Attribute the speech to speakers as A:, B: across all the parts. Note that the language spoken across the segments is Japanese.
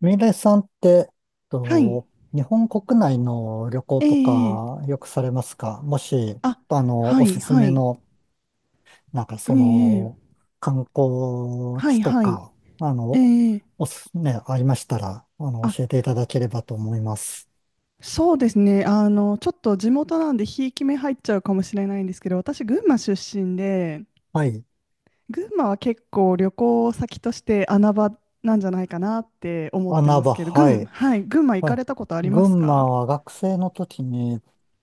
A: ミレイさんって、
B: はい。
A: と、日本国内の旅行
B: え
A: と
B: ええ
A: か
B: え
A: よくされますか？もし、
B: あ、は
A: おす
B: い、
A: す
B: は
A: め
B: い。
A: の、なんかそ
B: ええ
A: の、
B: ええ
A: 観光
B: は
A: 地
B: い、
A: と
B: はい。
A: か、あ
B: え
A: の、
B: え
A: おす、ね、ありましたら、
B: あ、
A: 教えていただければと思います。
B: そうですね。あの、ちょっと地元なんで、ひいき目入っちゃうかもしれないんですけど、私、群馬出身で、
A: はい。
B: 群馬は結構旅行先として穴場なんじゃないかなって思って
A: 穴
B: ます
A: 場、
B: けど、
A: はい。
B: はい、群馬行
A: は
B: か
A: い。
B: れたことありま
A: 群
B: すか？
A: 馬は学生の時に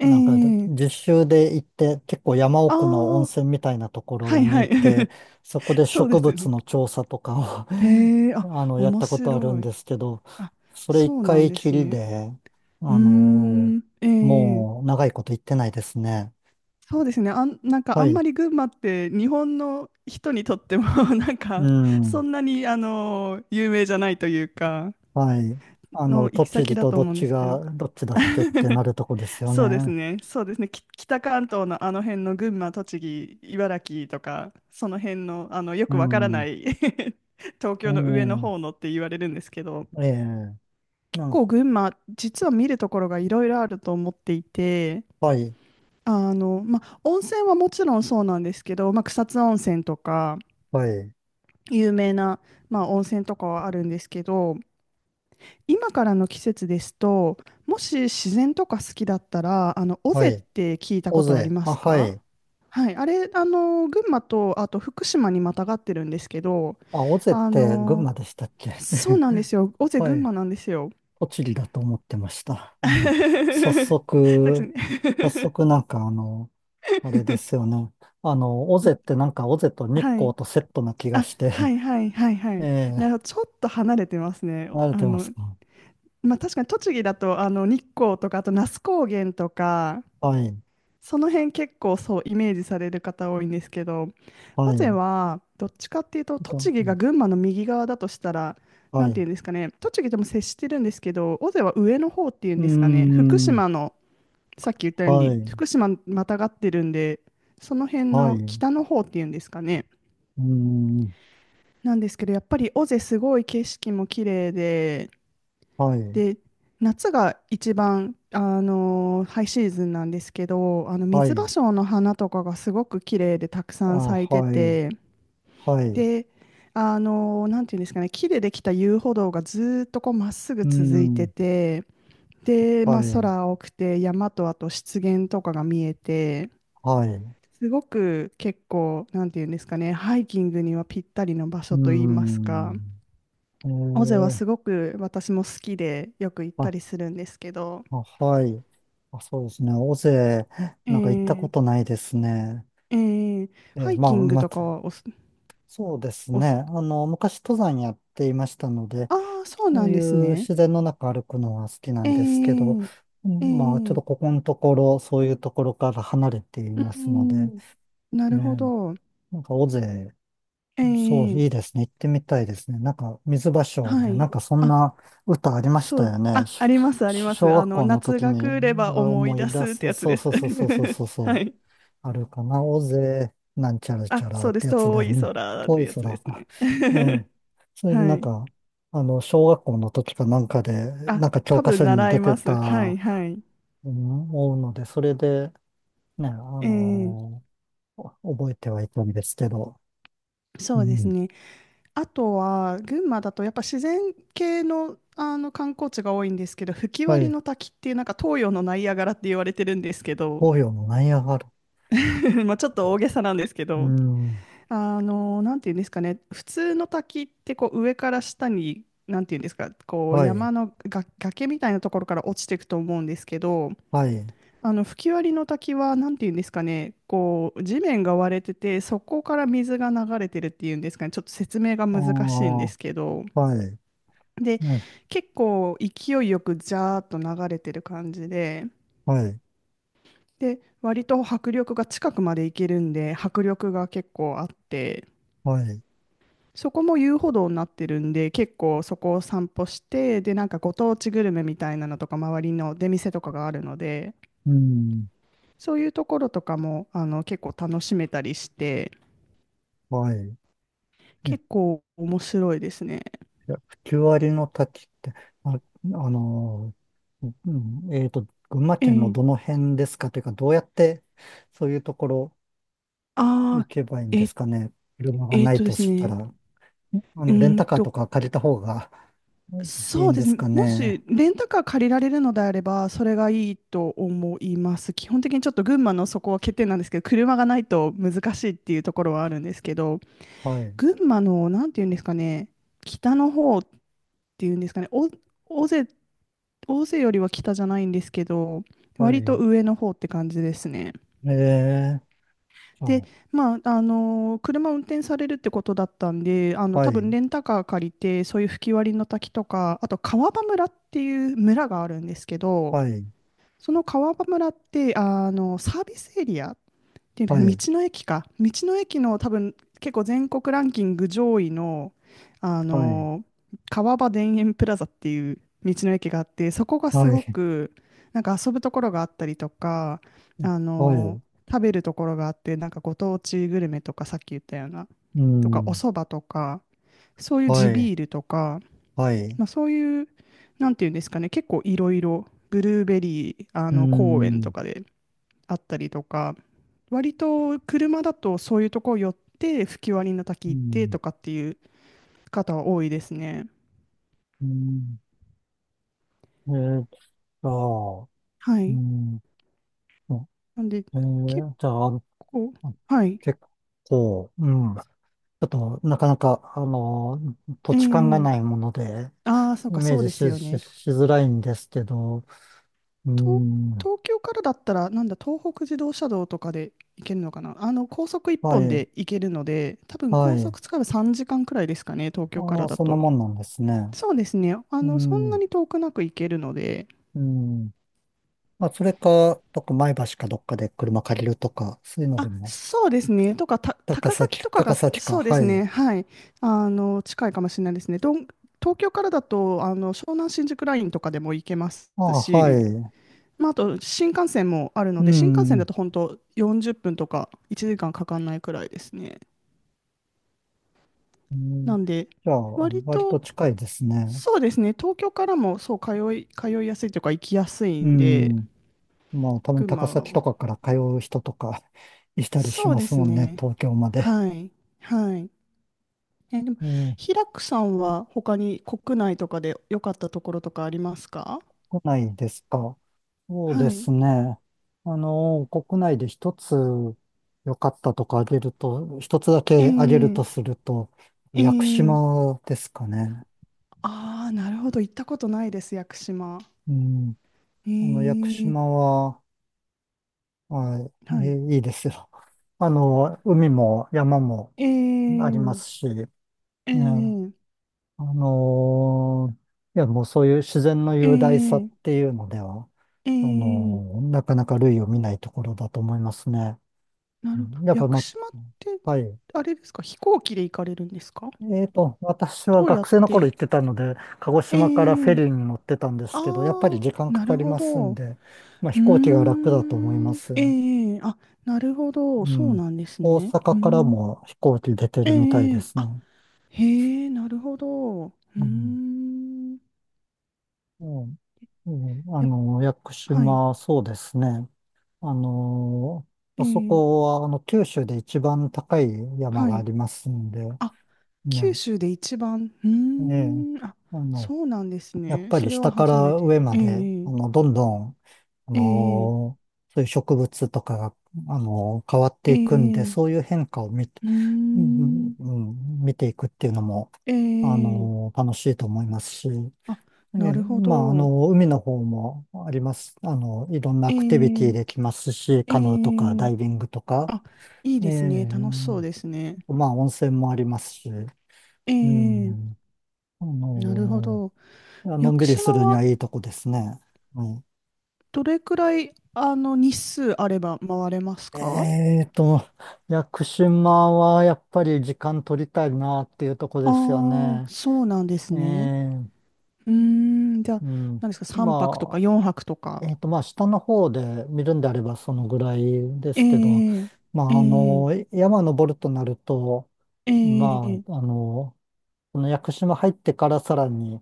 B: え
A: なんか、
B: え
A: 実習で行って、結構山
B: ああ
A: 奥の温
B: ー、
A: 泉みたいなとこ
B: は
A: ろ
B: い
A: に
B: は
A: 行
B: い。
A: って、そこで
B: そうで
A: 植
B: すよ
A: 物
B: ね。
A: の調査とか
B: へえ、あ、
A: を やっ
B: 面
A: たことあるん
B: 白い。
A: ですけど、
B: あ、
A: それ一
B: そうなん
A: 回
B: で
A: き
B: す
A: り
B: ね。
A: で、
B: うー
A: あの
B: ん、
A: ー
B: ええ
A: もう長いこと行ってないですね。
B: そうですね。なんかあ
A: は
B: ん
A: い。
B: まり群馬って日本の人にとっても なん
A: う
B: かそ
A: ん。
B: んなに有名じゃないというか
A: はい。あ
B: の
A: の、
B: 行き
A: 栃
B: 先
A: 木
B: だ
A: と
B: と
A: どっ
B: 思うんで
A: ち
B: すけ
A: が、
B: ど。
A: どっちだっけってな るとこですよね。
B: そうですね。北関東のあの辺の群馬、栃木、茨城とかその辺のよ
A: う
B: くわからな
A: ん。
B: い 東京の上の方
A: ええ
B: のって言われるんですけど、
A: ええな
B: 結
A: ん
B: 構
A: か、
B: 群馬実は見るところがいろいろあると思っていて。
A: はい。
B: あの、まあ、温泉はもちろんそうなんですけど、まあ、草津温泉とか
A: はい。
B: 有名な、まあ、温泉とかはあるんですけど今からの季節ですともし自然とか好きだったらあの尾
A: は
B: 瀬っ
A: い。
B: て聞いたこ
A: 尾
B: とあり
A: 瀬。
B: ま
A: あ、
B: す
A: は
B: か？
A: い。
B: はい、あれ、あの、群馬と、あと福島にまたがってるんですけど、
A: あ、尾瀬っ
B: あ
A: て群
B: の、
A: 馬でしたっけ？
B: そうなんですよ。尾 瀬
A: は
B: 群
A: い。
B: 馬なんですよ。
A: 栃木だと思ってました。あの、早
B: そうです
A: 速、
B: ね。
A: 早速あれですよね。あの、尾瀬ってなんか尾瀬と 日
B: は
A: 光
B: い。
A: とセットな気が
B: あ、
A: し
B: は
A: て、
B: いはいはいは
A: え
B: い。なる
A: え、
B: ほど、ちょっと離れてますね。
A: 慣れ
B: あ
A: てます
B: の、
A: か？
B: まあ、確かに栃木だとあの日光とかあと那須高原とか
A: はい、
B: その辺結構そうイメージされる方多いんですけど、尾
A: は
B: 瀬
A: い、
B: はどっちかっていうと
A: と、
B: 栃木が群馬の右側だとしたら、
A: は
B: な
A: い。
B: んて
A: う
B: いうんですかね、栃木とも接してるんですけど、尾瀬は上の方っていう
A: ー
B: んですかね、福
A: ん、
B: 島のさっき言ったよう
A: は
B: に
A: い、
B: 福島またがってるんで、その辺
A: はい、
B: の
A: う
B: 北の方っていうんですかね。
A: ーん、
B: なんですけど、やっぱり尾瀬すごい景色も綺麗で、
A: はい、
B: で、夏が一番、あのハイシーズンなんですけど、あの
A: は
B: 水芭
A: い、
B: 蕉の花とかがすごく綺麗でたく
A: あ、
B: さん咲いて
A: はい、
B: て、
A: はい、う
B: で、あのなんていうんですかね、木でできた遊歩道がずーっとこうまっすぐ
A: ー
B: 続いて
A: ん、
B: て、で、
A: は
B: まあ、
A: い、
B: 空青くて山とあと湿原とかが見えて、
A: はい。
B: すごく結構、なんていうんですかね、ハイキングにはぴったりの場
A: う
B: 所
A: ー
B: といいますか。
A: ん。え
B: 尾瀬は
A: ー、
B: すごく私も好きでよく行っ
A: は
B: た
A: い、
B: りするんですけど、
A: あ、はい。あ、そうですね。尾瀬、
B: え
A: なんか行ったこ
B: ー、
A: とないですね。
B: えー、
A: え
B: ハ
A: ー、
B: イ
A: ま
B: キ
A: あ、
B: ング
A: ま
B: とか
A: た、
B: はおす、
A: そうです
B: お
A: ね。
B: す、
A: あの、昔登山やっていましたので、
B: ああ、そう
A: そ
B: な
A: う
B: ん
A: い
B: です
A: う
B: ね。
A: 自然の中歩くのは好きな
B: え
A: んですけど、
B: ー、
A: う
B: え
A: ん、まあ、ちょっ
B: ー、
A: とここのところ、そういうところから離れていま
B: う
A: すので、
B: ん、なるほ
A: ね、
B: ど。
A: なんか尾瀬、
B: え
A: そう、
B: ー、
A: いいですね。行ってみたいですね。なんか、水芭蕉
B: は
A: で、な
B: い。
A: んかそん
B: あ、
A: な歌ありまし
B: そ
A: た
B: う、
A: よね。し、
B: あります、あります。
A: 小
B: あ
A: 学
B: の、
A: 校の
B: 夏
A: 時
B: が
A: に
B: 来れば思
A: 思
B: い出
A: い出
B: すって
A: す。
B: やつ
A: そ
B: で
A: う
B: す。
A: そうそうそうそうそう そ
B: は
A: う。
B: い。
A: あるかな。大勢なんちゃらち
B: あ、
A: ゃら
B: そう
A: っ
B: で
A: て
B: す。
A: やつで、う
B: 遠い
A: ん、
B: 空っ
A: 遠
B: て
A: い
B: や
A: 空
B: つです
A: か。
B: ね。
A: ええ。それで
B: は
A: なん
B: い。
A: か、あの、小学校の時かなんかで、
B: あ、
A: なんか教
B: 多
A: 科
B: 分
A: 書に
B: 習
A: 出
B: い
A: て
B: ます。は
A: た、
B: い、はい。
A: うん、思うので、それで、ね、あ
B: ええ
A: のお覚えてはいたんですけど、う
B: そうです
A: ん。
B: ね。あとは、群馬だとやっぱ自然系の、あの観光地が多いんですけど、吹
A: は
B: 割
A: い。
B: の滝っていう、なんか東洋のナイアガラって言われてるんですけど、
A: 東洋のナイアガラ？
B: まあちょっと大げさなんですけ
A: う
B: ど、
A: ん。
B: あの、なんていうんですかね、普通の滝ってこう上から下に、なんていうんですか、こう
A: はい。
B: 山のが崖みたいなところから落ちていくと思うんですけど、
A: はい。
B: あの吹き割りの滝は何て言うんですかね、こう地面が割れてて、そこから水が流れてるっていうんですかね、ちょっと説明が
A: ああ、
B: 難しいんですけど、
A: はい。
B: で、
A: ね、
B: 結構勢いよくジャーっと流れてる感じで、
A: はい。
B: で、割と迫力が近くまで行けるんで、迫力が結構あって、
A: はい。
B: そこも遊歩道になってるんで、結構そこを散歩して、で、なんかご当地グルメみたいなのとか、周りの出店とかがあるので、
A: うん。
B: そういうところとかもあの結構楽しめたりして。
A: はい。ね、
B: 結構面白いですね。
A: いや、9割の滝って、あ、あのうん、群馬
B: え
A: 県の
B: ー、
A: どの辺ですかというか、どうやってそういうところ行
B: あ
A: けばいいん
B: ー、
A: で
B: え、
A: すかね？車がない
B: で
A: と
B: す
A: した
B: ね。
A: ら、あ
B: う
A: の、レン
B: ーん
A: タカーと
B: と、
A: か借りた方が いい
B: そう
A: ん
B: で
A: で
B: す
A: す
B: ね。
A: か
B: も
A: ね？
B: し、レンタカー借りられるのであれば、それがいいと思います。基本的にちょっと群馬のそこは欠点なんですけど、車がないと難しいっていうところはあるんですけど、
A: はい。
B: 群馬の、なんていうんですかね、北の方っていうんですかね、大勢、大勢よりは北じゃないんですけど、
A: は
B: 割と
A: い。
B: 上の方って感じですね。
A: ええ、
B: で、
A: あ、
B: まあ、あの車を運転されるってことだったんで、あの
A: は
B: 多分
A: い。
B: レンタカー借りて、そういう吹き割りの滝とか、あと川場村っていう村があるんですけど、
A: はい。
B: その川場村ってあのサービスエリアってい
A: は
B: う道
A: い。
B: の駅か。道の駅の多分結構全国ランキング上位の、あ
A: はい。
B: の川場田園プラザっていう道の駅があって、そこがす
A: は
B: ご
A: い。
B: くなんか遊ぶところがあったりとか、あ
A: は
B: の
A: い。
B: 食べるところがあって、なんかご当地グルメとかさっき言ったような、
A: う
B: とかお
A: ん。
B: 蕎麦とか、そういう
A: は
B: 地
A: い。
B: ビールとか、
A: はい。
B: まあ、そういう、なんていうんですかね、結構いろいろブルーベリーあ
A: う
B: の公園と
A: ん。
B: かであったりとか、割と車だとそういうとこ寄って吹き割りの滝
A: う
B: 行って
A: ん。
B: とかっていう方は多いですね。
A: うん。えー、ゃあ、
B: は
A: う
B: い。
A: ん。
B: なんで結
A: じゃあ、あの、
B: 構、はい。
A: 結構、うん。ちょっと、なかなか、あの、土
B: え
A: 地勘が
B: え
A: ないもので、
B: ああー、そう
A: イ
B: か、
A: メ
B: そ
A: ー
B: う
A: ジ
B: です
A: し、
B: よね。
A: しづらいんですけど、う
B: 東、
A: ん。
B: 東京からだったら、なんだ、東北自動車道とかで行けるのかな。あの、高速一
A: は
B: 本
A: い。
B: で行けるので、多分
A: は
B: 高
A: い。
B: 速使えば3時間くらいですかね、東京か
A: あ
B: ら
A: あ、
B: だ
A: そんな
B: と。
A: もんなんですね。
B: そうですね。あ
A: う
B: の、そんな
A: ん。
B: に遠くなく行けるので、
A: うん。まあ、それか、どっか前橋かどっかで車借りるとか、そういうので
B: あ、
A: も、
B: そうですね。とか、た、高崎とか
A: 高
B: が、
A: 崎か。
B: そうで
A: は
B: すね。
A: い。
B: はい。あの、近いかもしれないですね。どん、東京からだと、あの、湘南新宿ラインとかでも行けます
A: ああ、は
B: し、
A: い。
B: まあ、あと、新幹線もあるの
A: う
B: で、新幹線だ
A: ん。
B: と本当40分とか1時間かんかかんないくらいですね。
A: うん、
B: なんで、
A: じゃあ、
B: 割
A: 割
B: と、
A: と近いですね。
B: そうですね。東京からも、そう、通いやすいというか、行きやすい
A: う
B: んで、
A: ん。まあ、たまに
B: 群
A: 高
B: 馬
A: 崎
B: は、
A: とかから通う人とか いたりし
B: そう
A: ま
B: で
A: す
B: す
A: もんね、
B: ね。
A: 東京まで。
B: はい。はい。え、でも、
A: うん。
B: 平久さんは他に国内とかで良かったところとかありますか？
A: 国内ですか。そうで
B: はい。
A: すね。あの、国内で一つ良かったとかあげると、一つだ
B: え
A: けあげる
B: え
A: とすると、
B: え
A: 屋久
B: え
A: 島ですかね。
B: ああー、なるほど。行ったことないです、屋久島。
A: うん。あの、屋久
B: ええ
A: 島は、はい、
B: はい。
A: い、いいいですよ。あの、海も山もありま
B: え
A: す
B: え
A: し、ね、あ
B: ええ
A: のいや、もうそういう自然の
B: え
A: 雄大さっ
B: え
A: ていうのでは、
B: ええ
A: なかなか類を見ないところだと思いますね。
B: な
A: う
B: るほど。
A: ん、やっ
B: 屋
A: ぱ、
B: 久
A: ま、
B: 島って、
A: はい。
B: あれですか、飛行機で行かれるんですか？
A: えーと、私は
B: どうや
A: 学
B: っ
A: 生の頃
B: て
A: 行ってたので、鹿児島からフェ
B: え
A: リ
B: え
A: ーに乗ってたんですけど、やっぱり
B: ああ
A: 時間
B: ー、
A: か
B: な
A: か
B: る
A: り
B: ほ
A: ます
B: ど。
A: ん
B: う
A: で、まあ、
B: ー
A: 飛行機が楽だと思いま
B: ん。
A: す。
B: ええ、ええあ、なるほど。
A: う
B: そう
A: ん。
B: なんです
A: 大
B: ね。うー
A: 阪から
B: ん。
A: も飛行機出て
B: ええ、
A: るみたい
B: え
A: で
B: え
A: す
B: あ、
A: ね。
B: へえ、なるほど。うー
A: うん。
B: ん。
A: うんうん、あ
B: やっ、
A: の、屋久
B: はい。
A: 島、そうですね。あの、
B: え
A: あそ
B: え、
A: こは、あの、九州で一番高い山
B: は
A: があ
B: い。
A: りますんで、
B: あ、九
A: ね。
B: 州で一番。う
A: ええ。
B: ーん。あ、
A: あの、
B: そうなんです
A: やっ
B: ね。
A: ぱ
B: そ
A: り
B: れは
A: 下か
B: 初め
A: ら
B: て。
A: 上ま
B: え
A: で、あ
B: え、
A: の、どんどん、あ
B: ええ、
A: のーそういう植物とかが、変わって
B: え
A: いくんで、
B: え、ええ
A: そういう変化を見て、
B: うー
A: うん
B: ん。
A: うんうん、見ていくっていうのも、
B: ええ、
A: 楽しいと思いますし、
B: あ、なるほ
A: まあ、あ
B: ど。
A: の、海の方もあります。あのいろんなア
B: え
A: クティビティ
B: え、
A: できますし、
B: え
A: カヌーとか
B: え、
A: ダイビングとか、
B: あ、いい
A: え
B: ですね。楽しそ
A: え、
B: うですね。
A: まあ、温泉もありますし、う
B: ええ、
A: ん、あ
B: なるほ
A: の、
B: ど。
A: いや、の
B: 屋
A: ん
B: 久
A: びりす
B: 島
A: るに
B: は
A: はいいとこですね。うん、
B: どれくらい、あの、日数あれば回れますか？
A: えーと、屋久島はやっぱり時間取りたいなっていうとこ
B: あ
A: で
B: あ
A: すよ
B: ー、
A: ね。
B: そうなんです
A: え
B: ね。
A: ー、
B: うーん、じゃあ、
A: うん。
B: 何ですか、3泊とか
A: ま
B: 4泊とか。
A: あ、えーと、まあ、下の方で見るんであればそのぐらいで
B: え
A: すけど、
B: え、
A: ま
B: え
A: あ、あ
B: え、
A: の、山登るとなると、
B: え
A: ま
B: え、
A: あ、あの、この屋久島入ってからさらに、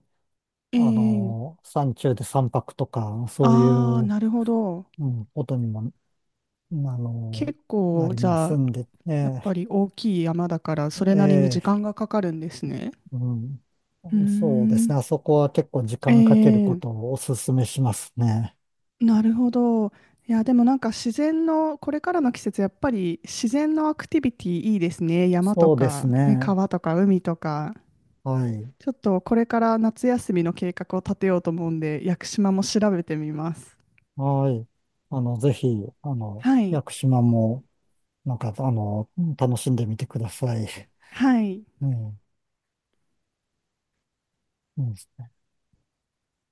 B: え
A: あ
B: え、
A: の、山中で三泊とか、そうい
B: ああ、
A: う、
B: なるほど。
A: うん、ことにもあの、
B: 結
A: な
B: 構、
A: り
B: じ
A: ま
B: ゃ
A: す
B: あ、
A: んで、
B: やっ
A: ね、
B: ぱり大きい山だから、
A: え、
B: それなりに時
A: ええ、
B: 間がかかるんですね。
A: うん。
B: うー
A: そうです
B: ん、
A: ね。あそこは結構時
B: え
A: 間かけるこ
B: え
A: とをお勧めしますね。
B: なるほど。いや、でもなんか自然の、これからの季節、やっぱり自然のアクティビティいいですね。山と
A: そうです
B: か、ね、
A: ね。
B: 川とか海とか。
A: はい。
B: ちょっとこれから夏休みの計画を立てようと思うんで、屋久島も調べてみます。
A: はい。あの、ぜひ、あの、
B: はい。
A: 屋久島も、なんか、あの、楽しんでみてください。
B: はい。
A: うん。うん